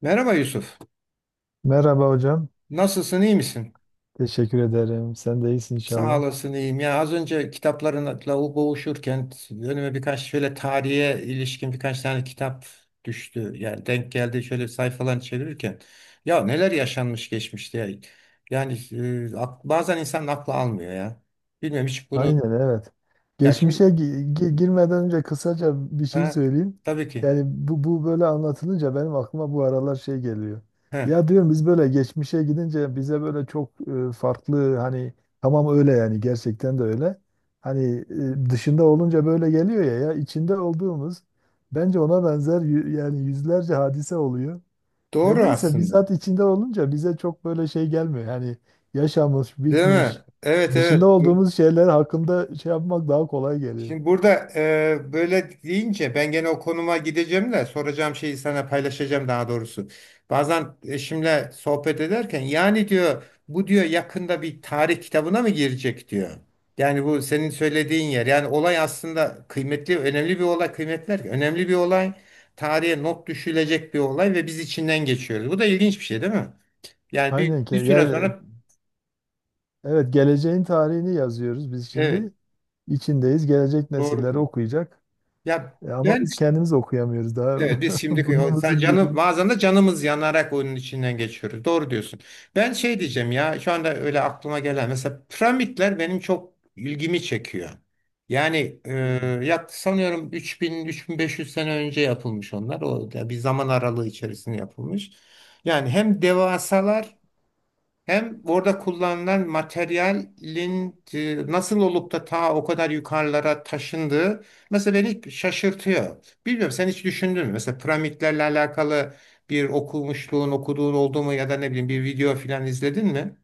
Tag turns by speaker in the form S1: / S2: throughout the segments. S1: Merhaba Yusuf.
S2: Merhaba hocam.
S1: Nasılsın, iyi misin?
S2: Teşekkür ederim. Sen de iyisin
S1: Sağ
S2: inşallah.
S1: olasın, iyiyim. Ya az önce kitaplarınla boğuşurken önüme birkaç şöyle tarihe ilişkin birkaç tane kitap düştü. Yani denk geldi şöyle sayfalarını çevirirken. Ya neler yaşanmış geçmişte ya. Yani bazen insan aklı almıyor ya. Bilmiyorum hiç bunu.
S2: Aynen, evet.
S1: Ya şimdi.
S2: Geçmişe girmeden önce kısaca bir şey
S1: Ha,
S2: söyleyeyim.
S1: tabii ki.
S2: Yani bu böyle anlatılınca benim aklıma bu aralar şey geliyor.
S1: Ha,
S2: Ya diyorum biz böyle geçmişe gidince bize böyle çok farklı, hani tamam öyle, yani gerçekten de öyle. Hani dışında olunca böyle geliyor ya, ya içinde olduğumuz bence ona benzer yani yüzlerce hadise oluyor.
S1: doğru
S2: Nedense
S1: aslında.
S2: bizzat içinde olunca bize çok böyle şey gelmiyor. Yani yaşamış,
S1: Değil mi?
S2: bitmiş,
S1: Evet,
S2: dışında
S1: evet.
S2: olduğumuz şeyler hakkında şey yapmak daha kolay geliyor.
S1: Şimdi burada böyle deyince ben gene o konuma gideceğim de soracağım şeyi sana paylaşacağım daha doğrusu. Bazen eşimle sohbet ederken yani diyor bu diyor yakında bir tarih kitabına mı girecek diyor. Yani bu senin söylediğin yer. Yani olay aslında kıymetli, önemli bir olay, kıymetler önemli bir olay. Tarihe not düşülecek bir olay ve biz içinden geçiyoruz. Bu da ilginç bir şey değil mi? Yani bir,
S2: Aynen ki.
S1: bir süre
S2: Yani
S1: sonra,
S2: evet, geleceğin tarihini yazıyoruz biz
S1: evet,
S2: şimdi. İçindeyiz. Gelecek
S1: doğru
S2: nesiller
S1: diyor.
S2: okuyacak.
S1: Ya
S2: Ama
S1: ben.
S2: biz kendimiz okuyamıyoruz daha
S1: Evet, biz şimdi
S2: burnumuzun
S1: canı
S2: dibini.
S1: bazen de canımız yanarak oyunun içinden geçiyoruz. Doğru diyorsun. Ben şey diyeceğim ya şu anda öyle aklıma gelen mesela piramitler benim çok ilgimi çekiyor. Yani
S2: Hmm.
S1: sanıyorum 3000-3500 sene önce yapılmış onlar. O da bir zaman aralığı içerisinde yapılmış. Yani hem devasalar hem orada kullanılan materyalin nasıl olup da ta o kadar yukarılara taşındığı mesela beni şaşırtıyor. Bilmiyorum sen hiç düşündün mü? Mesela piramitlerle alakalı bir okumuşluğun, okuduğun oldu mu ya da ne bileyim bir video falan izledin mi?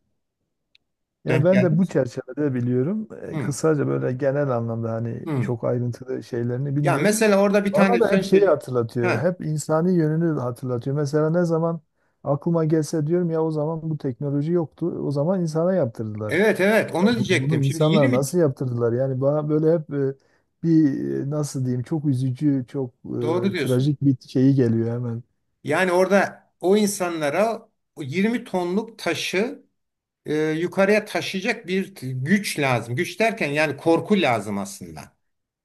S2: Ya
S1: Denk
S2: ben
S1: geldi
S2: de
S1: mi
S2: bu
S1: sen?
S2: çerçevede biliyorum. E,
S1: Hmm,
S2: kısaca böyle genel anlamda hani
S1: hmm.
S2: çok ayrıntılı şeylerini
S1: Ya
S2: bilmiyorum.
S1: mesela orada bir
S2: Bana
S1: tane
S2: da
S1: sen
S2: hep şeyi
S1: söyle.
S2: hatırlatıyor.
S1: Ha,
S2: Hep insani yönünü hatırlatıyor. Mesela ne zaman aklıma gelse diyorum ya o zaman bu teknoloji yoktu. O zaman insana yaptırdılar.
S1: evet, evet
S2: Ya
S1: onu
S2: bunu
S1: diyecektim. Şimdi
S2: insanlar
S1: 20.
S2: nasıl yaptırdılar? Yani bana böyle hep bir nasıl diyeyim, çok üzücü, çok
S1: Doğru diyorsun.
S2: trajik bir şeyi geliyor hemen.
S1: Yani orada o insanlara o 20 tonluk taşı yukarıya taşıyacak güç lazım. Güç derken yani korku lazım aslında.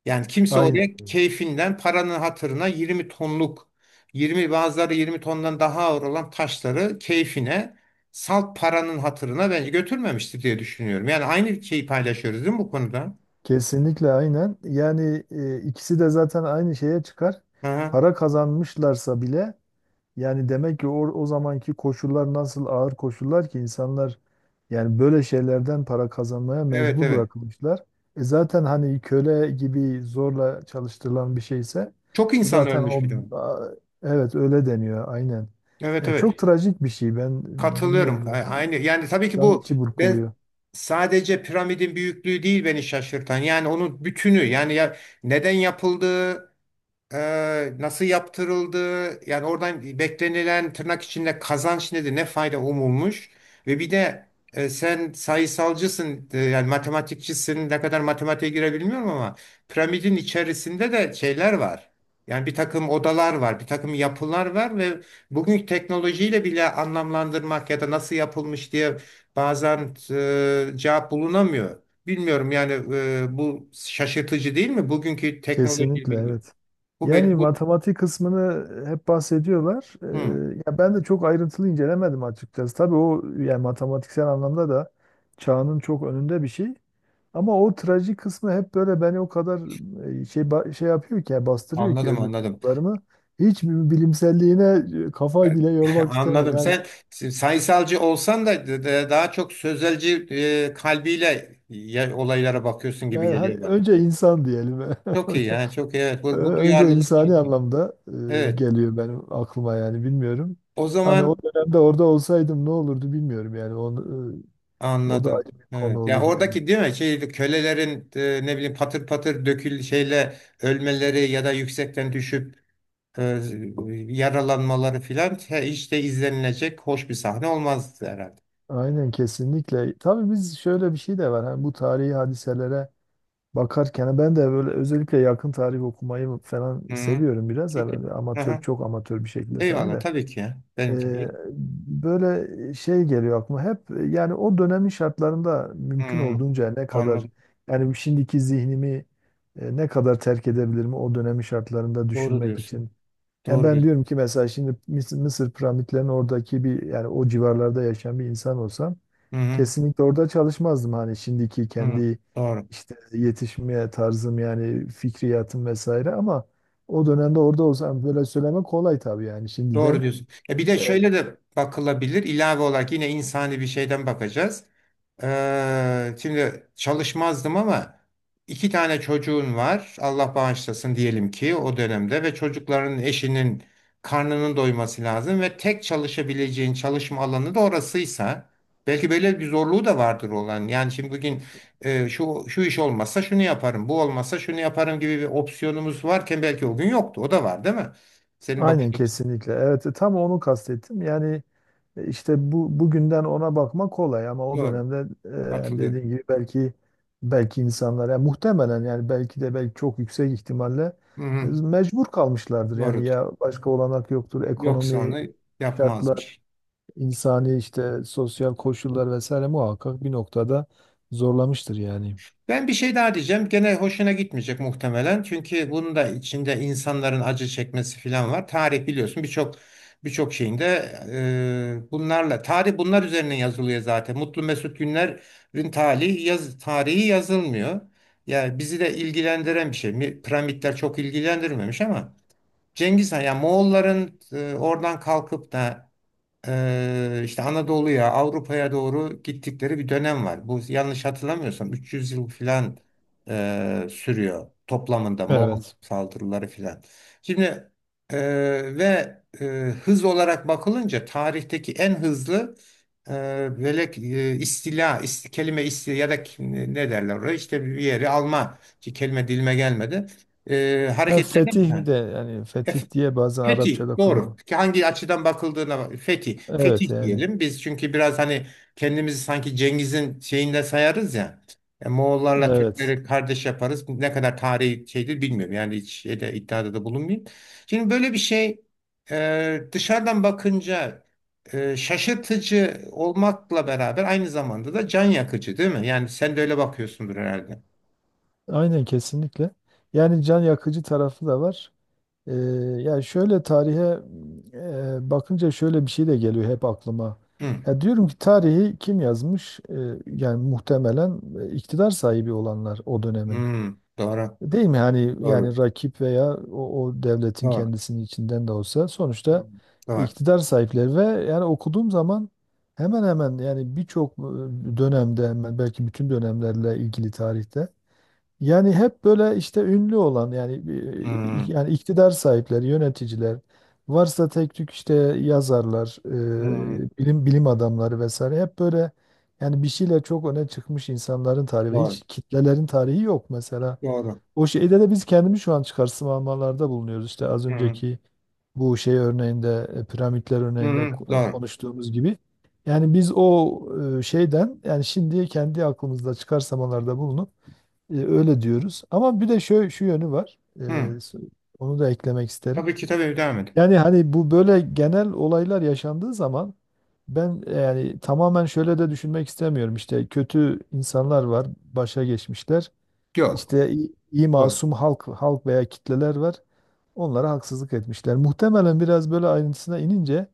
S1: Yani kimse oraya
S2: Aynen.
S1: keyfinden paranın hatırına 20 tonluk 20 bazıları 20 tondan daha ağır olan taşları keyfine salt paranın hatırına bence götürmemiştir diye düşünüyorum. Yani aynı şeyi paylaşıyoruz değil mi bu konuda?
S2: Kesinlikle aynen. Yani ikisi de zaten aynı şeye çıkar.
S1: Aha,
S2: Para kazanmışlarsa bile yani demek ki o zamanki koşullar nasıl ağır koşullar ki insanlar yani böyle şeylerden para kazanmaya
S1: evet,
S2: mecbur
S1: evet.
S2: bırakılmışlar. E zaten hani köle gibi zorla çalıştırılan bir şeyse
S1: Çok insan
S2: zaten
S1: ölmüş bir de.
S2: a, evet öyle deniyor, aynen.
S1: Evet,
S2: Ya çok
S1: evet.
S2: trajik bir şey ben
S1: Katılıyorum.
S2: bilmiyorum yani,
S1: Aynı yani tabii ki
S2: insan
S1: bu
S2: içi
S1: ben
S2: burkuluyor.
S1: sadece piramidin büyüklüğü değil beni şaşırtan. Yani onun bütünü yani ya neden yapıldığı, nasıl yaptırıldı? Yani oradan beklenilen tırnak içinde kazanç nedir? Ne fayda umulmuş? Ve bir de sen sayısalcısın, yani matematikçisin. Ne kadar matematiğe girebilmiyorum ama piramidin içerisinde de şeyler var. Yani bir takım odalar var, bir takım yapılar var ve bugünkü teknolojiyle bile anlamlandırmak ya da nasıl yapılmış diye bazen cevap bulunamıyor. Bilmiyorum yani bu şaşırtıcı değil mi? Bugünkü teknoloji
S2: Kesinlikle
S1: bilgi.
S2: evet.
S1: Bu
S2: Yani
S1: benim bu.
S2: matematik kısmını hep bahsediyorlar.
S1: Hı,
S2: Ya ben de çok ayrıntılı incelemedim açıkçası. Tabii o, yani matematiksel anlamda da çağının çok önünde bir şey. Ama o trajik kısmı hep böyle beni o kadar şey yapıyor ki, yani bastırıyor ki
S1: anladım,
S2: öbür
S1: anladım.
S2: duygularımı. Hiç bir bilimselliğine kafayı bile yormak istemem.
S1: Anladım.
S2: Yani
S1: Sen sayısalcı olsan da daha çok sözelci kalbiyle olaylara bakıyorsun gibi
S2: yani hani
S1: geliyor bana.
S2: önce insan diyelim.
S1: Çok iyi yani çok iyi. Evet,
S2: Ee,
S1: bu, bu
S2: Önce
S1: duyarlılık
S2: insani
S1: çok iyi.
S2: anlamda
S1: Evet.
S2: geliyor benim aklıma, yani bilmiyorum.
S1: O
S2: Hani o
S1: zaman
S2: dönemde orada olsaydım ne olurdu bilmiyorum, yani onu, o da
S1: anladım.
S2: ayrı bir konu
S1: Evet. Ya
S2: olur yani.
S1: oradaki değil mi? Şey kölelerin ne bileyim patır patır şeyle ölmeleri ya da yüksekten düşüp e, yaralanmaları filan hiç de izlenilecek hoş bir sahne olmazdı herhalde.
S2: Aynen kesinlikle. Tabii biz, şöyle bir şey de var. Hani bu tarihi hadiselere bakarken hani ben de böyle özellikle yakın tarih okumayı falan
S1: Hı,
S2: seviyorum, biraz da
S1: çok iyi.
S2: böyle amatör,
S1: Aha.
S2: çok amatör bir şekilde tabii
S1: Eyvallah
S2: de.
S1: tabii ki ya. Benimki
S2: Eee,
S1: değil.
S2: Böyle şey geliyor aklıma hep, yani o dönemin şartlarında mümkün
S1: Hı,
S2: olduğunca ne kadar
S1: anladım.
S2: yani şimdiki zihnimi ne kadar terk edebilirim o dönemin şartlarında
S1: Doğru
S2: düşünmek
S1: diyorsun.
S2: için. Yani
S1: Doğru
S2: ben
S1: bir.
S2: diyorum ki mesela şimdi Mısır piramitlerinin oradaki bir, yani o civarlarda yaşayan bir insan olsam
S1: Hı, hı,
S2: kesinlikle orada çalışmazdım, hani şimdiki
S1: hı,
S2: kendi
S1: doğru.
S2: işte yetişmeye tarzım yani fikriyatım vesaire, ama o dönemde orada olsam böyle söylemek kolay tabii, yani
S1: Doğru
S2: şimdiden.
S1: diyorsun. Ya bir de şöyle de bakılabilir. İlave olarak yine insani bir şeyden bakacağız. Şimdi çalışmazdım ama iki tane çocuğun var. Allah bağışlasın diyelim ki o dönemde ve çocukların eşinin karnının doyması lazım ve tek çalışabileceğin çalışma alanı da orasıysa belki böyle bir zorluğu da vardır olan. Yani şimdi bugün şu iş olmazsa şunu yaparım, bu olmazsa şunu yaparım gibi bir opsiyonumuz varken belki o gün yoktu. O da var, değil mi? Senin bakış.
S2: Aynen kesinlikle. Evet, tam onu kastettim. Yani işte bu bugünden ona bakmak kolay ama o
S1: Doğru.
S2: dönemde hani
S1: Hatırlıyorum.
S2: dediğim gibi belki, belki insanlar yani muhtemelen yani belki de belki çok yüksek ihtimalle
S1: Hı hı.
S2: mecbur kalmışlardır. Yani
S1: Doğrudur.
S2: ya başka olanak yoktur.
S1: Yoksa
S2: Ekonomi,
S1: onu
S2: şartlar,
S1: yapmazmış.
S2: insani işte sosyal koşullar vesaire muhakkak bir noktada zorlamıştır yani.
S1: Ben bir şey daha diyeceğim. Gene hoşuna gitmeyecek muhtemelen. Çünkü bunun da içinde insanların acı çekmesi falan var. Tarih biliyorsun birçok birçok şeyinde bunlarla tarih bunlar üzerine yazılıyor zaten. Mutlu Mesut Günler'in tarihi yaz, tarihi yazılmıyor. Yani bizi de ilgilendiren bir şey. Piramitler çok ilgilendirmemiş ama Cengiz Han yani Moğolların oradan kalkıp da işte Anadolu'ya, Avrupa'ya doğru gittikleri bir dönem var. Bu yanlış hatırlamıyorsam 300 yıl filan sürüyor toplamında Moğol
S2: Evet.
S1: saldırıları filan. Şimdi ve hız olarak bakılınca tarihteki en hızlı velek istila, kelime istila ya da ne derler oraya işte bir yeri alma ki kelime dilime gelmedi.
S2: Ha,
S1: Hareketlerden bir
S2: fetih
S1: tane.
S2: de, yani fetih diye bazen
S1: Fetih
S2: Arapçada
S1: doğru.
S2: kullan.
S1: Ki hangi açıdan bakıldığına fetih.
S2: Evet
S1: Fetih
S2: yani.
S1: diyelim. Biz çünkü biraz hani kendimizi sanki Cengiz'in şeyinde sayarız ya. Moğollarla
S2: Evet.
S1: Türkleri kardeş yaparız. Ne kadar tarihi şeydir bilmiyorum. Yani hiç şeyde, iddiada da bulunmayayım. Şimdi böyle bir şey dışarıdan bakınca şaşırtıcı olmakla beraber aynı zamanda da can yakıcı değil mi? Yani sen de öyle bakıyorsundur herhalde.
S2: Aynen kesinlikle. Yani can yakıcı tarafı da var. Ee, Yani şöyle tarihe bakınca şöyle bir şey de geliyor hep aklıma.
S1: Hı.
S2: Ya diyorum ki tarihi kim yazmış? Yani muhtemelen iktidar sahibi olanlar o dönemin.
S1: Hı. Doğru.
S2: Değil mi? Hani yani
S1: Doğru.
S2: rakip veya o devletin
S1: Doğru.
S2: kendisinin içinden de olsa
S1: Hı.
S2: sonuçta
S1: Doğru.
S2: iktidar sahipleri, ve yani okuduğum zaman hemen hemen yani birçok dönemde, hemen belki bütün dönemlerle ilgili tarihte yani hep böyle işte ünlü olan yani
S1: Hı.
S2: yani iktidar sahipleri, yöneticiler, varsa tek tük işte yazarlar,
S1: Hı.
S2: bilim adamları vesaire, hep böyle yani bir şeyle çok öne çıkmış insanların tarihi,
S1: Doğru.
S2: hiç kitlelerin tarihi yok mesela.
S1: Doğru.
S2: O şeyde de biz kendimiz şu an çıkarsamalarda bulunuyoruz, işte az
S1: Hı hı.
S2: önceki bu şey örneğinde, piramitler
S1: Hı
S2: örneğinde
S1: hı. Doğru.
S2: konuştuğumuz gibi. Yani biz şeyden, yani şimdi kendi aklımızda çıkarsamalarda bulunup öyle diyoruz. Ama bir de şu yönü var.
S1: Hı.
S2: E, s- Onu da eklemek isterim.
S1: Tabii ki, tabii devam et.
S2: Yani hani bu böyle genel olaylar yaşandığı zaman ben yani tamamen şöyle de düşünmek istemiyorum. İşte kötü insanlar var, başa geçmişler.
S1: Yok.
S2: İşte iyi
S1: Doğru.
S2: masum halk veya kitleler var. Onlara haksızlık etmişler. Muhtemelen biraz böyle ayrıntısına inince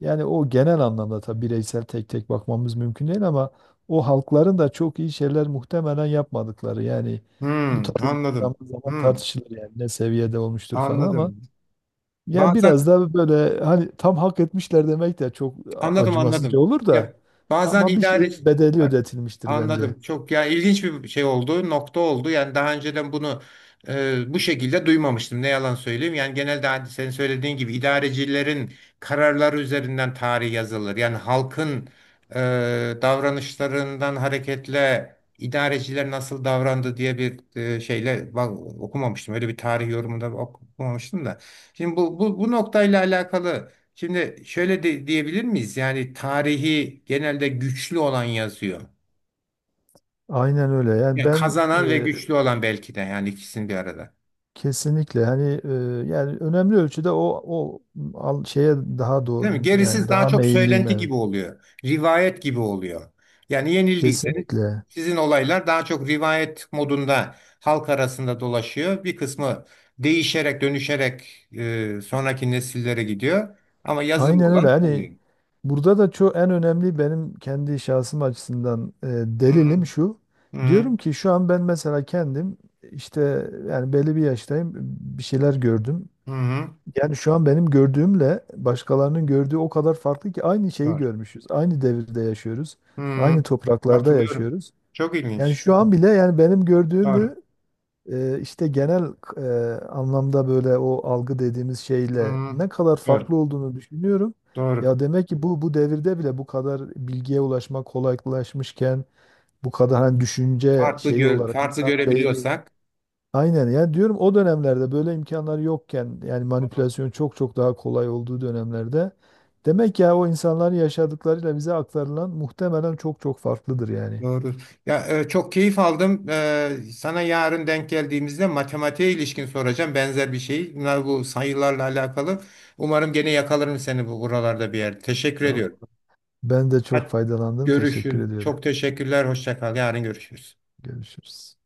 S2: yani o genel anlamda tabii bireysel tek tek bakmamız mümkün değil ama o halkların da çok iyi şeyler muhtemelen yapmadıkları, yani
S1: Hı.
S2: bu tabii
S1: Anladım.
S2: zaman zaman
S1: Hı.
S2: tartışılır yani ne seviyede olmuştur falan, ama
S1: Anladım.
S2: yani
S1: Bazen,
S2: biraz da böyle hani tam hak etmişler demek de çok
S1: anladım,
S2: acımasızca
S1: anladım.
S2: olur
S1: Ya
S2: da,
S1: bazen
S2: ama bir
S1: idare.
S2: şeyin bedeli ödetilmiştir bence.
S1: Anladım. Çok ya ilginç bir şey oldu, nokta oldu. Yani daha önceden bunu bu şekilde duymamıştım. Ne yalan söyleyeyim. Yani genelde hani senin söylediğin gibi idarecilerin kararları üzerinden tarih yazılır. Yani halkın e, davranışlarından hareketle idareciler nasıl davrandı diye bir şeyle bak, okumamıştım. Öyle bir tarih yorumunda okumamıştım da. Şimdi bu noktayla alakalı. Şimdi şöyle de, diyebilir miyiz? Yani tarihi genelde güçlü olan yazıyor.
S2: Aynen öyle. Yani
S1: Ya
S2: ben
S1: kazanan ve güçlü olan belki de yani ikisini bir arada.
S2: kesinlikle, hani yani önemli ölçüde şeye daha
S1: Değil mi?
S2: doğru,
S1: Gerisi
S2: yani
S1: daha
S2: daha
S1: çok
S2: meyilliyim,
S1: söylenti
S2: evet.
S1: gibi oluyor. Rivayet gibi oluyor. Yani yenildiyseniz
S2: Kesinlikle.
S1: sizin olaylar daha çok rivayet modunda halk arasında dolaşıyor. Bir kısmı değişerek, dönüşerek sonraki nesillere gidiyor. Ama yazılı
S2: Aynen öyle.
S1: olan
S2: Hani
S1: kalıyor.
S2: burada da çok en önemli benim kendi şahsım açısından
S1: Hı hı.
S2: delilim şu.
S1: Hı hı.
S2: Diyorum ki şu an ben mesela kendim işte yani belli bir yaştayım, bir şeyler gördüm.
S1: Hı hı.
S2: Yani şu an benim gördüğümle başkalarının gördüğü o kadar farklı ki, aynı şeyi
S1: Doğru.
S2: görmüşüz. Aynı devirde yaşıyoruz.
S1: Hı
S2: Aynı
S1: hı.
S2: topraklarda
S1: Katılıyorum.
S2: yaşıyoruz.
S1: Çok
S2: Yani
S1: ilginç.
S2: şu
S1: Doğru.
S2: an bile yani benim
S1: Doğru.
S2: gördüğümü işte genel anlamda, böyle o algı dediğimiz
S1: Hı
S2: şeyle
S1: hı.
S2: ne kadar
S1: Doğru.
S2: farklı olduğunu düşünüyorum.
S1: Doğru.
S2: Ya demek ki bu devirde bile bu kadar bilgiye ulaşmak kolaylaşmışken, bu kadar hani düşünce
S1: Farklı
S2: şeyi olarak
S1: farklı
S2: insanın beyni
S1: görebiliyorsak.
S2: aynen, yani diyorum o dönemlerde böyle imkanlar yokken, yani manipülasyon çok çok daha kolay olduğu dönemlerde demek ya o insanların yaşadıklarıyla bize aktarılan muhtemelen çok çok farklıdır yani.
S1: Doğru. Ya çok keyif aldım. Sana yarın denk geldiğimizde matematiğe ilişkin soracağım benzer bir şey. Bunlar bu sayılarla alakalı. Umarım gene yakalarım seni bu buralarda bir yerde. Teşekkür
S2: Tamam.
S1: ediyorum.
S2: Ben de çok
S1: Hadi
S2: faydalandım. Teşekkür
S1: görüşürüz.
S2: ediyorum.
S1: Çok teşekkürler. Hoşça kal. Yarın görüşürüz.
S2: Görüşürüz.